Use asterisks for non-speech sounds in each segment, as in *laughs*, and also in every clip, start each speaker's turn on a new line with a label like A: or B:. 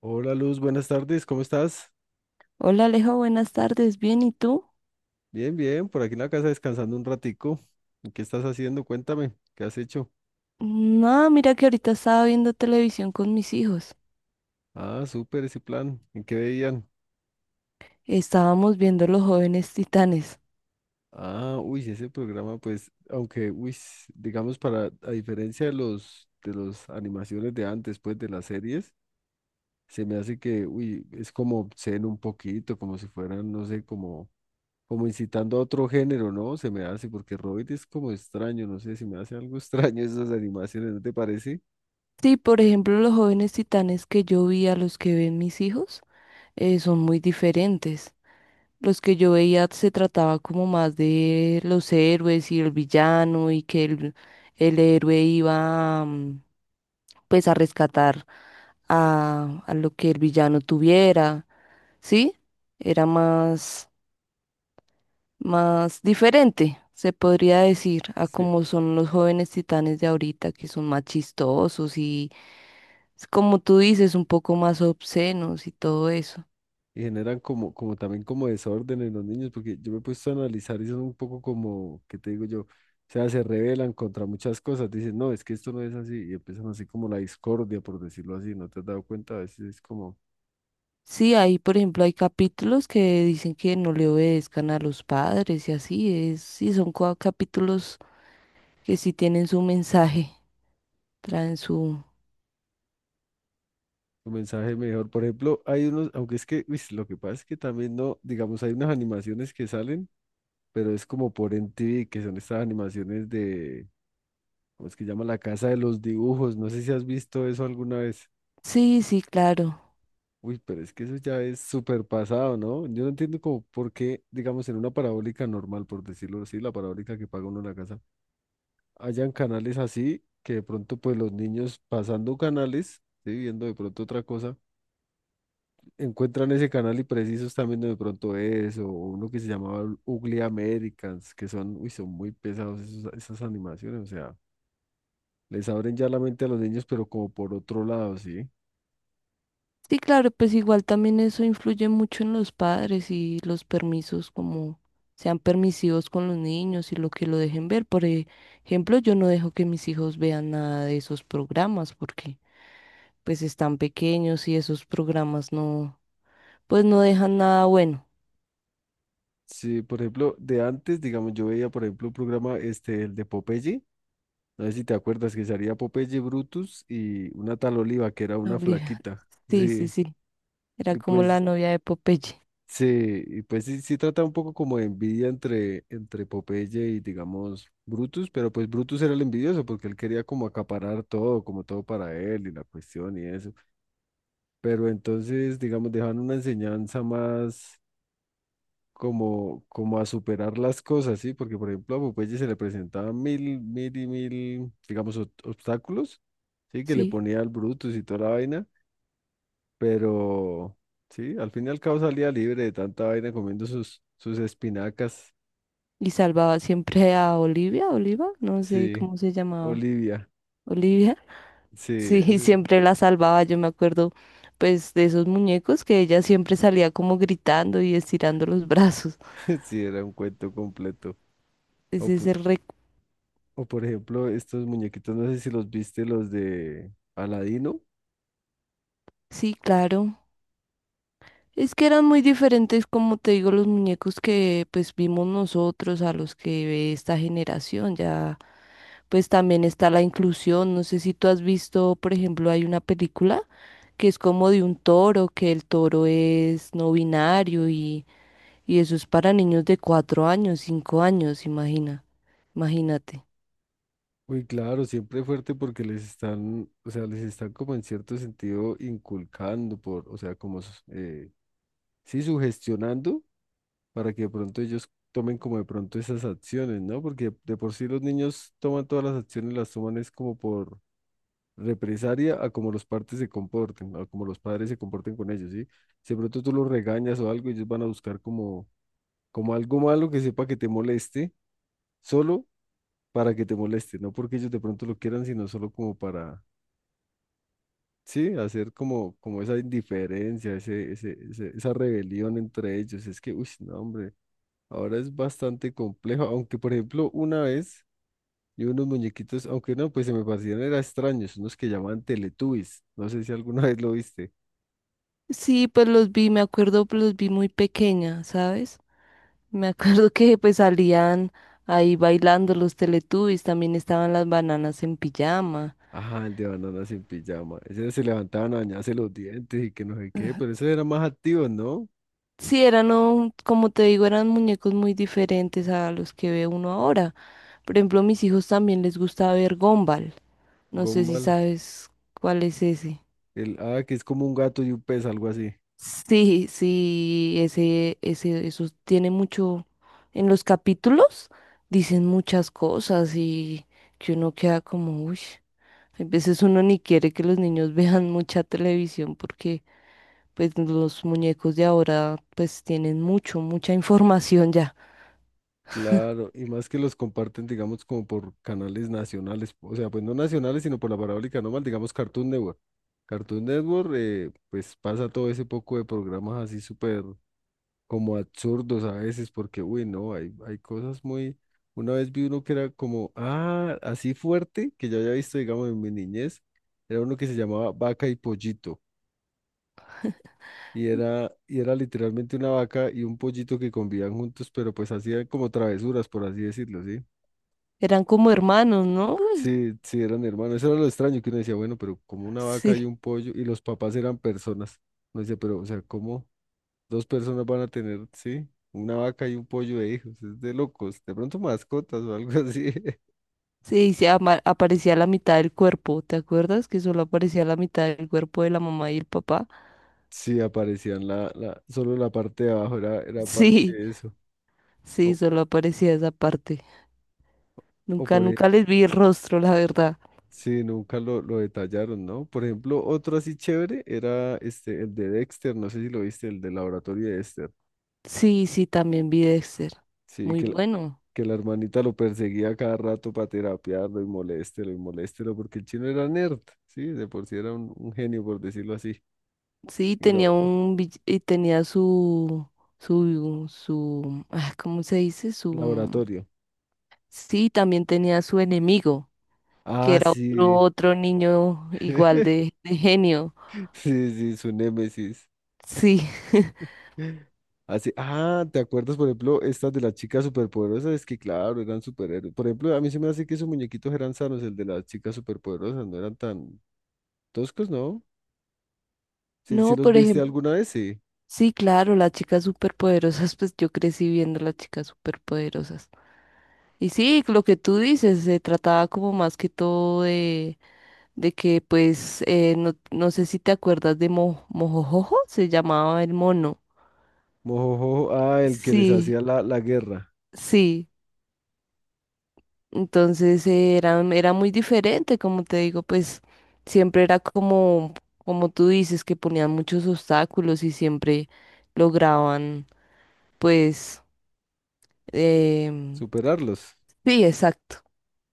A: Hola Luz, buenas tardes, ¿cómo estás?
B: Hola Alejo, buenas tardes. Bien, ¿y tú?
A: Bien, bien, por aquí en la casa descansando un ratico. ¿Qué estás haciendo? Cuéntame, ¿qué has hecho?
B: No, mira que ahorita estaba viendo televisión con mis hijos.
A: Ah, súper ese plan, ¿en qué veían?
B: Estábamos viendo Los Jóvenes Titanes.
A: Ah, uy, sí, ese programa, pues, aunque, uy, digamos, para, a diferencia de los, de las animaciones de antes, pues, de las series, se me hace que, uy, es como obsceno un poquito, como si fueran, no sé, como, como incitando a otro género, ¿no? Se me hace, porque Robin es como extraño, no sé, si me hace algo extraño *laughs* esas animaciones, ¿no te parece?
B: Sí, por ejemplo, los Jóvenes Titanes que yo vi a los que ven mis hijos son muy diferentes. Los que yo veía se trataba como más de los héroes y el villano y el héroe iba pues a rescatar a lo que el villano tuviera, ¿sí? Era más, más diferente, se podría decir, a
A: Sí,
B: como son los jóvenes titanes de ahorita, que son más chistosos como tú dices, un poco más obscenos y todo eso.
A: y generan como, como también como desorden en los niños, porque yo me he puesto a analizar y son un poco como, ¿qué te digo yo? O sea, se rebelan contra muchas cosas, dicen, no, es que esto no es así, y empiezan así como la discordia, por decirlo así, ¿no te has dado cuenta? A veces es como
B: Sí, ahí por ejemplo, hay capítulos que dicen que no le obedezcan a los padres y así es. Sí, son capítulos que sí tienen su mensaje, traen su...
A: un mensaje mejor. Por ejemplo, hay unos, aunque es que, uy, lo que pasa es que también no, digamos, hay unas animaciones que salen, pero es como por MTV, que son estas animaciones de, ¿cómo es que llama? La Casa de los Dibujos, no sé si has visto eso alguna vez.
B: Sí, sí, claro.
A: Uy, pero es que eso ya es súper pasado, ¿no? Yo no entiendo como por qué, digamos, en una parabólica normal, por decirlo así, la parabólica que paga uno en la casa, hayan canales así que de pronto pues los niños pasando canales, ¿sí? Viendo de pronto otra cosa, encuentran ese canal y precisos están viendo de pronto eso, o uno que se llamaba Ugly Americans, que son, uy, son muy pesados esas animaciones, o sea, les abren ya la mente a los niños, pero como por otro lado, ¿sí?
B: Sí, claro, pues igual también eso influye mucho en los padres y los permisos, como sean permisivos con los niños y lo que lo dejen ver. Por ejemplo, yo no dejo que mis hijos vean nada de esos programas porque pues están pequeños y esos programas no, pues no dejan nada bueno.
A: Sí, por ejemplo, de antes, digamos, yo veía, por ejemplo, un programa, este, el de Popeye. No sé si te acuerdas que salía Popeye Brutus y una tal Oliva, que era
B: No,
A: una
B: *laughs*
A: flaquita.
B: Sí, sí,
A: Sí,
B: sí. Era
A: y
B: como la
A: pues
B: novia de Popeye,
A: sí, y pues sí, sí trata un poco como de envidia entre, entre Popeye y digamos Brutus, pero pues Brutus era el envidioso porque él quería como acaparar todo, como todo para él y la cuestión y eso. Pero entonces, digamos, dejan una enseñanza más como, como a superar las cosas, ¿sí? Porque, por ejemplo, a Popeye se le presentaban mil, mil y mil, digamos, obstáculos, ¿sí? Que le
B: sí.
A: ponía al Brutus y toda la vaina, pero, sí, al fin y al cabo salía libre de tanta vaina comiendo sus, sus espinacas,
B: Y salvaba siempre a Olivia, Oliva, no sé
A: sí,
B: cómo se llamaba.
A: Olivia,
B: Olivia.
A: sí,
B: Sí, *laughs* siempre la salvaba, yo me acuerdo pues de esos muñecos que ella siempre salía como gritando y estirando los *laughs* brazos.
A: *laughs* sí, era un cuento completo. O,
B: Ese es
A: po-
B: el rec...
A: o, por ejemplo, estos muñequitos, no sé si los viste, los de Aladino.
B: Sí, claro. Es que eran muy diferentes, como te digo, los muñecos que pues vimos nosotros a los que ve esta generación. Ya pues también está la inclusión. No sé si tú has visto, por ejemplo, hay una película que es como de un toro, que el toro es no binario. Y eso es para niños de 4 años, 5 años, imagina, imagínate.
A: Uy, claro, siempre fuerte porque les están, o sea, les están como en cierto sentido inculcando por, o sea, como, sí, sugestionando para que de pronto ellos tomen como de pronto esas acciones, ¿no? Porque de por sí los niños toman todas las acciones, las toman es como por represalia a como los padres se comporten, a como los padres se comporten con ellos, ¿sí? Si de pronto tú los regañas o algo, ellos van a buscar como, como algo malo que sepa que te moleste, solo para que te moleste, no porque ellos de pronto lo quieran, sino solo como para sí, hacer como, como esa indiferencia, ese, esa rebelión entre ellos. Es que, uy, no, hombre, ahora es bastante complejo. Aunque, por ejemplo, una vez yo unos muñequitos, aunque no, pues se me parecían, eran extraños, unos que llamaban Teletubbies. No sé si alguna *laughs* vez lo viste.
B: Sí, pues los vi, me acuerdo, pues los vi muy pequeña, ¿sabes? Me acuerdo que pues salían ahí bailando los Teletubbies, también estaban las bananas en pijama.
A: Ajá, el de bananas en pijama. Ese se levantaban a bañarse los dientes y que no sé qué, pero ese era más activo, ¿no?
B: Sí, eran, como te digo, eran muñecos muy diferentes a los que ve uno ahora. Por ejemplo, a mis hijos también les gusta ver Gumball. No sé si
A: Gumball.
B: sabes cuál es ese.
A: El, ah, que es como un gato y un pez, algo así.
B: Sí, sí, ese, eso tiene mucho. En los capítulos dicen muchas cosas y que uno queda como, uy, a veces uno ni quiere que los niños *laughs* vean mucha televisión porque pues los muñecos de ahora pues tienen mucha información ya.
A: Claro, y más que los comparten, digamos, como por canales nacionales, o sea, pues no nacionales, sino por la parabólica normal, digamos Cartoon Network. Cartoon Network, pues pasa todo ese poco de programas así súper como absurdos a veces, porque, uy, no, hay cosas muy... Una vez vi uno que era como, ah, así fuerte, que yo había visto, digamos, en mi niñez, era uno que se llamaba Vaca y Pollito. Y era literalmente una vaca y un pollito que convivían juntos, pero pues hacían como travesuras, por así decirlo, ¿sí?
B: Eran como hermanos, ¿no? *laughs*
A: Sí, sí, eran hermanos. Eso era lo extraño que uno decía, bueno, pero como una vaca y
B: Sí,
A: un pollo, y los papás eran personas. Uno decía, pero, o sea, ¿cómo dos personas van a tener, sí, una vaca y un pollo de hijos? Es de locos. De pronto mascotas o algo así. *laughs*
B: sí, aparecía la mitad del cuerpo, ¿te acuerdas? Que solo aparecía la mitad del cuerpo de la mamá y el papá. *laughs*
A: Sí, aparecían solo la parte de abajo, era parte
B: Sí,
A: de eso.
B: sí,
A: O,
B: solo aparecía esa parte.
A: o
B: Nunca,
A: por ejemplo,
B: nunca les vi el rostro, la verdad.
A: sí, nunca lo detallaron, ¿no? Por ejemplo, otro así chévere era este, el de Dexter, no sé si lo viste, el de laboratorio de Dexter.
B: Sí, sí, también vi Dexter.
A: Sí,
B: Muy
A: que
B: bueno.
A: que la hermanita lo perseguía cada rato para terapiarlo y moléstelo, porque el chino era nerd, ¿sí? De por sí era un genio, por decirlo así.
B: Sí,
A: Y
B: tenía
A: lo,
B: un y tenía su, ¿cómo se dice? Su,
A: laboratorio.
B: sí, también tenía su enemigo, que
A: Ah,
B: era
A: sí.
B: otro niño igual
A: *laughs*
B: de genio.
A: Sí, sí, su némesis.
B: Sí. *laughs*
A: Así, ah, ¿te acuerdas, por ejemplo, estas de las chicas superpoderosas? Es que, claro, eran superhéroes. Por ejemplo, a mí se me hace que esos muñequitos eran sanos, el de las chicas superpoderosas, no eran tan toscos, ¿no? Sí, sí
B: No,
A: los
B: por
A: viste
B: ejemplo,
A: alguna vez, sí.
B: sí, claro, las chicas superpoderosas, pues yo crecí viendo las chicas superpoderosas. Y sí, lo que tú dices, se trataba como más que todo de que pues no sé si te acuerdas de Mojojojo, se llamaba el mono.
A: Mojojojo, ah, el que les
B: Sí,
A: hacía la guerra,
B: sí. Entonces era, era muy diferente, como te digo, pues siempre era como, como tú dices, que ponían muchos obstáculos y siempre lograban, pues, em,
A: superarlos.
B: sí, exacto.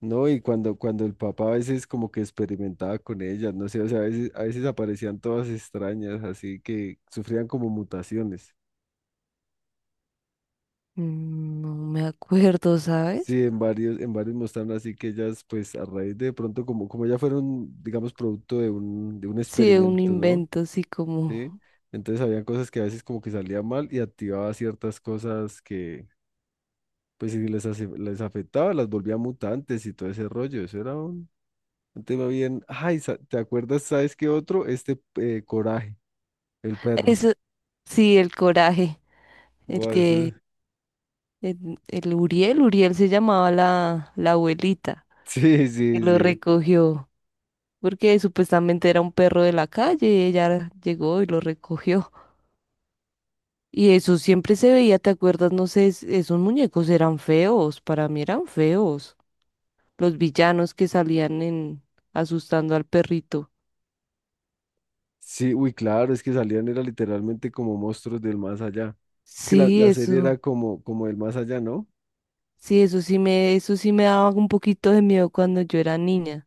A: No, y cuando el papá a veces como que experimentaba con ellas, no sé, o sea, a veces aparecían todas extrañas, así que sufrían como mutaciones.
B: Mm, no me acuerdo, ¿sabes?
A: Sí, en varios mostraron así que ellas, pues a raíz de pronto, como, como ya fueron, digamos, producto de de un
B: Sí, de un
A: experimento, ¿no?
B: invento así como...
A: Sí. Entonces había cosas que a veces como que salían mal y activaba ciertas cosas que, pues si les, les afectaba, las volvía mutantes y todo ese rollo. Eso era un tema bien. Ay, ¿te acuerdas, sabes qué otro? Este, Coraje. El perro.
B: Eso, sí, el coraje, el
A: Buah,
B: que...
A: *laughs*
B: El Uriel, Uriel se llamaba la abuelita
A: Sí,
B: que
A: sí,
B: lo
A: sí.
B: recogió, porque supuestamente era un perro de la calle y ella llegó y lo recogió. Y eso siempre se veía, ¿te acuerdas? No sé, esos muñecos eran feos, para mí eran feos. Los villanos que salían en asustando al perrito.
A: Sí, uy, claro, es que salían era literalmente como monstruos del más allá. Es que
B: Sí,
A: la serie
B: eso,
A: era como, como el más allá, ¿no?
B: sí, eso sí me daba un poquito de miedo cuando yo era niña,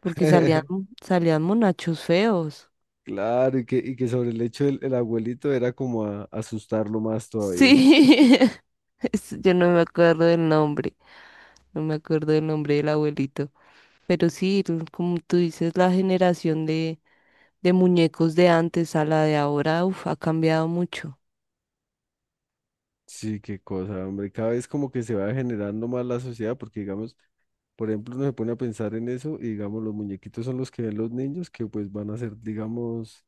B: porque
A: *laughs*
B: salían monachos feos.
A: Claro, y que sobre el hecho del el abuelito era como a, asustarlo más todavía.
B: Sí. *laughs* Es- yo no me acuerdo del nombre, no me acuerdo del nombre del abuelito, pero sí, como tú dices, la generación de muñecos de antes a la de ahora, uf, ha cambiado mucho.
A: Sí, qué cosa, hombre. Cada vez como que se va generando más la sociedad, porque digamos, por ejemplo, uno se pone a pensar en eso y digamos, los muñequitos son los que ven los niños que pues van a ser, digamos,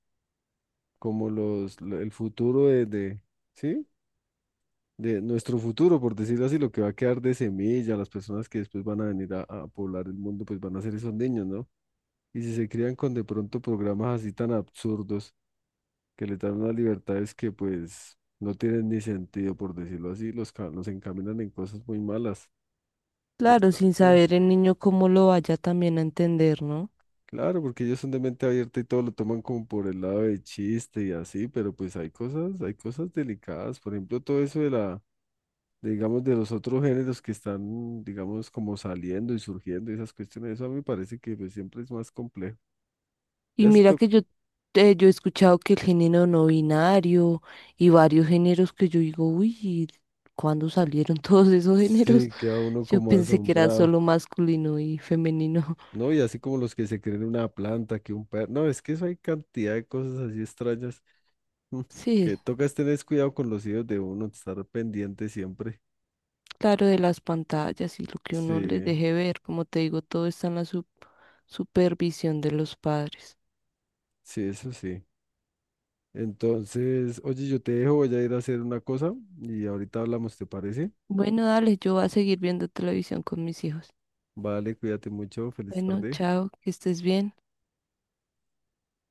A: como el futuro de, ¿sí? De nuestro futuro, por decirlo así, lo que va a quedar de semilla, las personas que después van a venir a poblar el mundo, pues van a ser esos niños, ¿no? Y si se crían con de pronto programas así tan absurdos que les dan unas libertades que pues no tienen ni sentido, por decirlo así, los, los encaminan en cosas muy malas.
B: Claro, sin
A: Bastante.
B: saber el niño cómo lo vaya también a entender, ¿no?
A: Claro, porque ellos son de mente abierta y todo lo toman como por el lado de chiste y así, pero pues hay cosas delicadas, por ejemplo, todo eso de la digamos, de los otros géneros que están, digamos, como saliendo y surgiendo y esas cuestiones, eso a mí me parece que pues, siempre es más complejo.
B: Y
A: Ya
B: mira
A: esto
B: que yo he escuchado que el género no binario y varios géneros que yo digo, uy, ¿cuándo salieron *laughs* todos esos géneros?
A: sí
B: *laughs*
A: queda uno
B: Yo
A: como
B: pensé que era
A: asombrado,
B: solo masculino y femenino.
A: ¿no? Y así como los que se creen una planta, que un perro, no, es que eso hay cantidad de cosas así extrañas mm,
B: *laughs* Sí,
A: que tocas tener cuidado con los hijos de uno, estar pendiente siempre.
B: claro, de las pantallas y lo que uno les
A: Sí,
B: deje ver, como te digo, todo está en la supervisión de los padres.
A: sí, eso sí. Entonces, oye, yo te dejo, voy a ir a hacer una cosa y ahorita hablamos, ¿te parece?
B: Bueno, dale, yo voy a seguir viendo televisión con mis hijos.
A: Vale, cuídate mucho, feliz
B: Bueno,
A: tarde.
B: chao, que estés bien.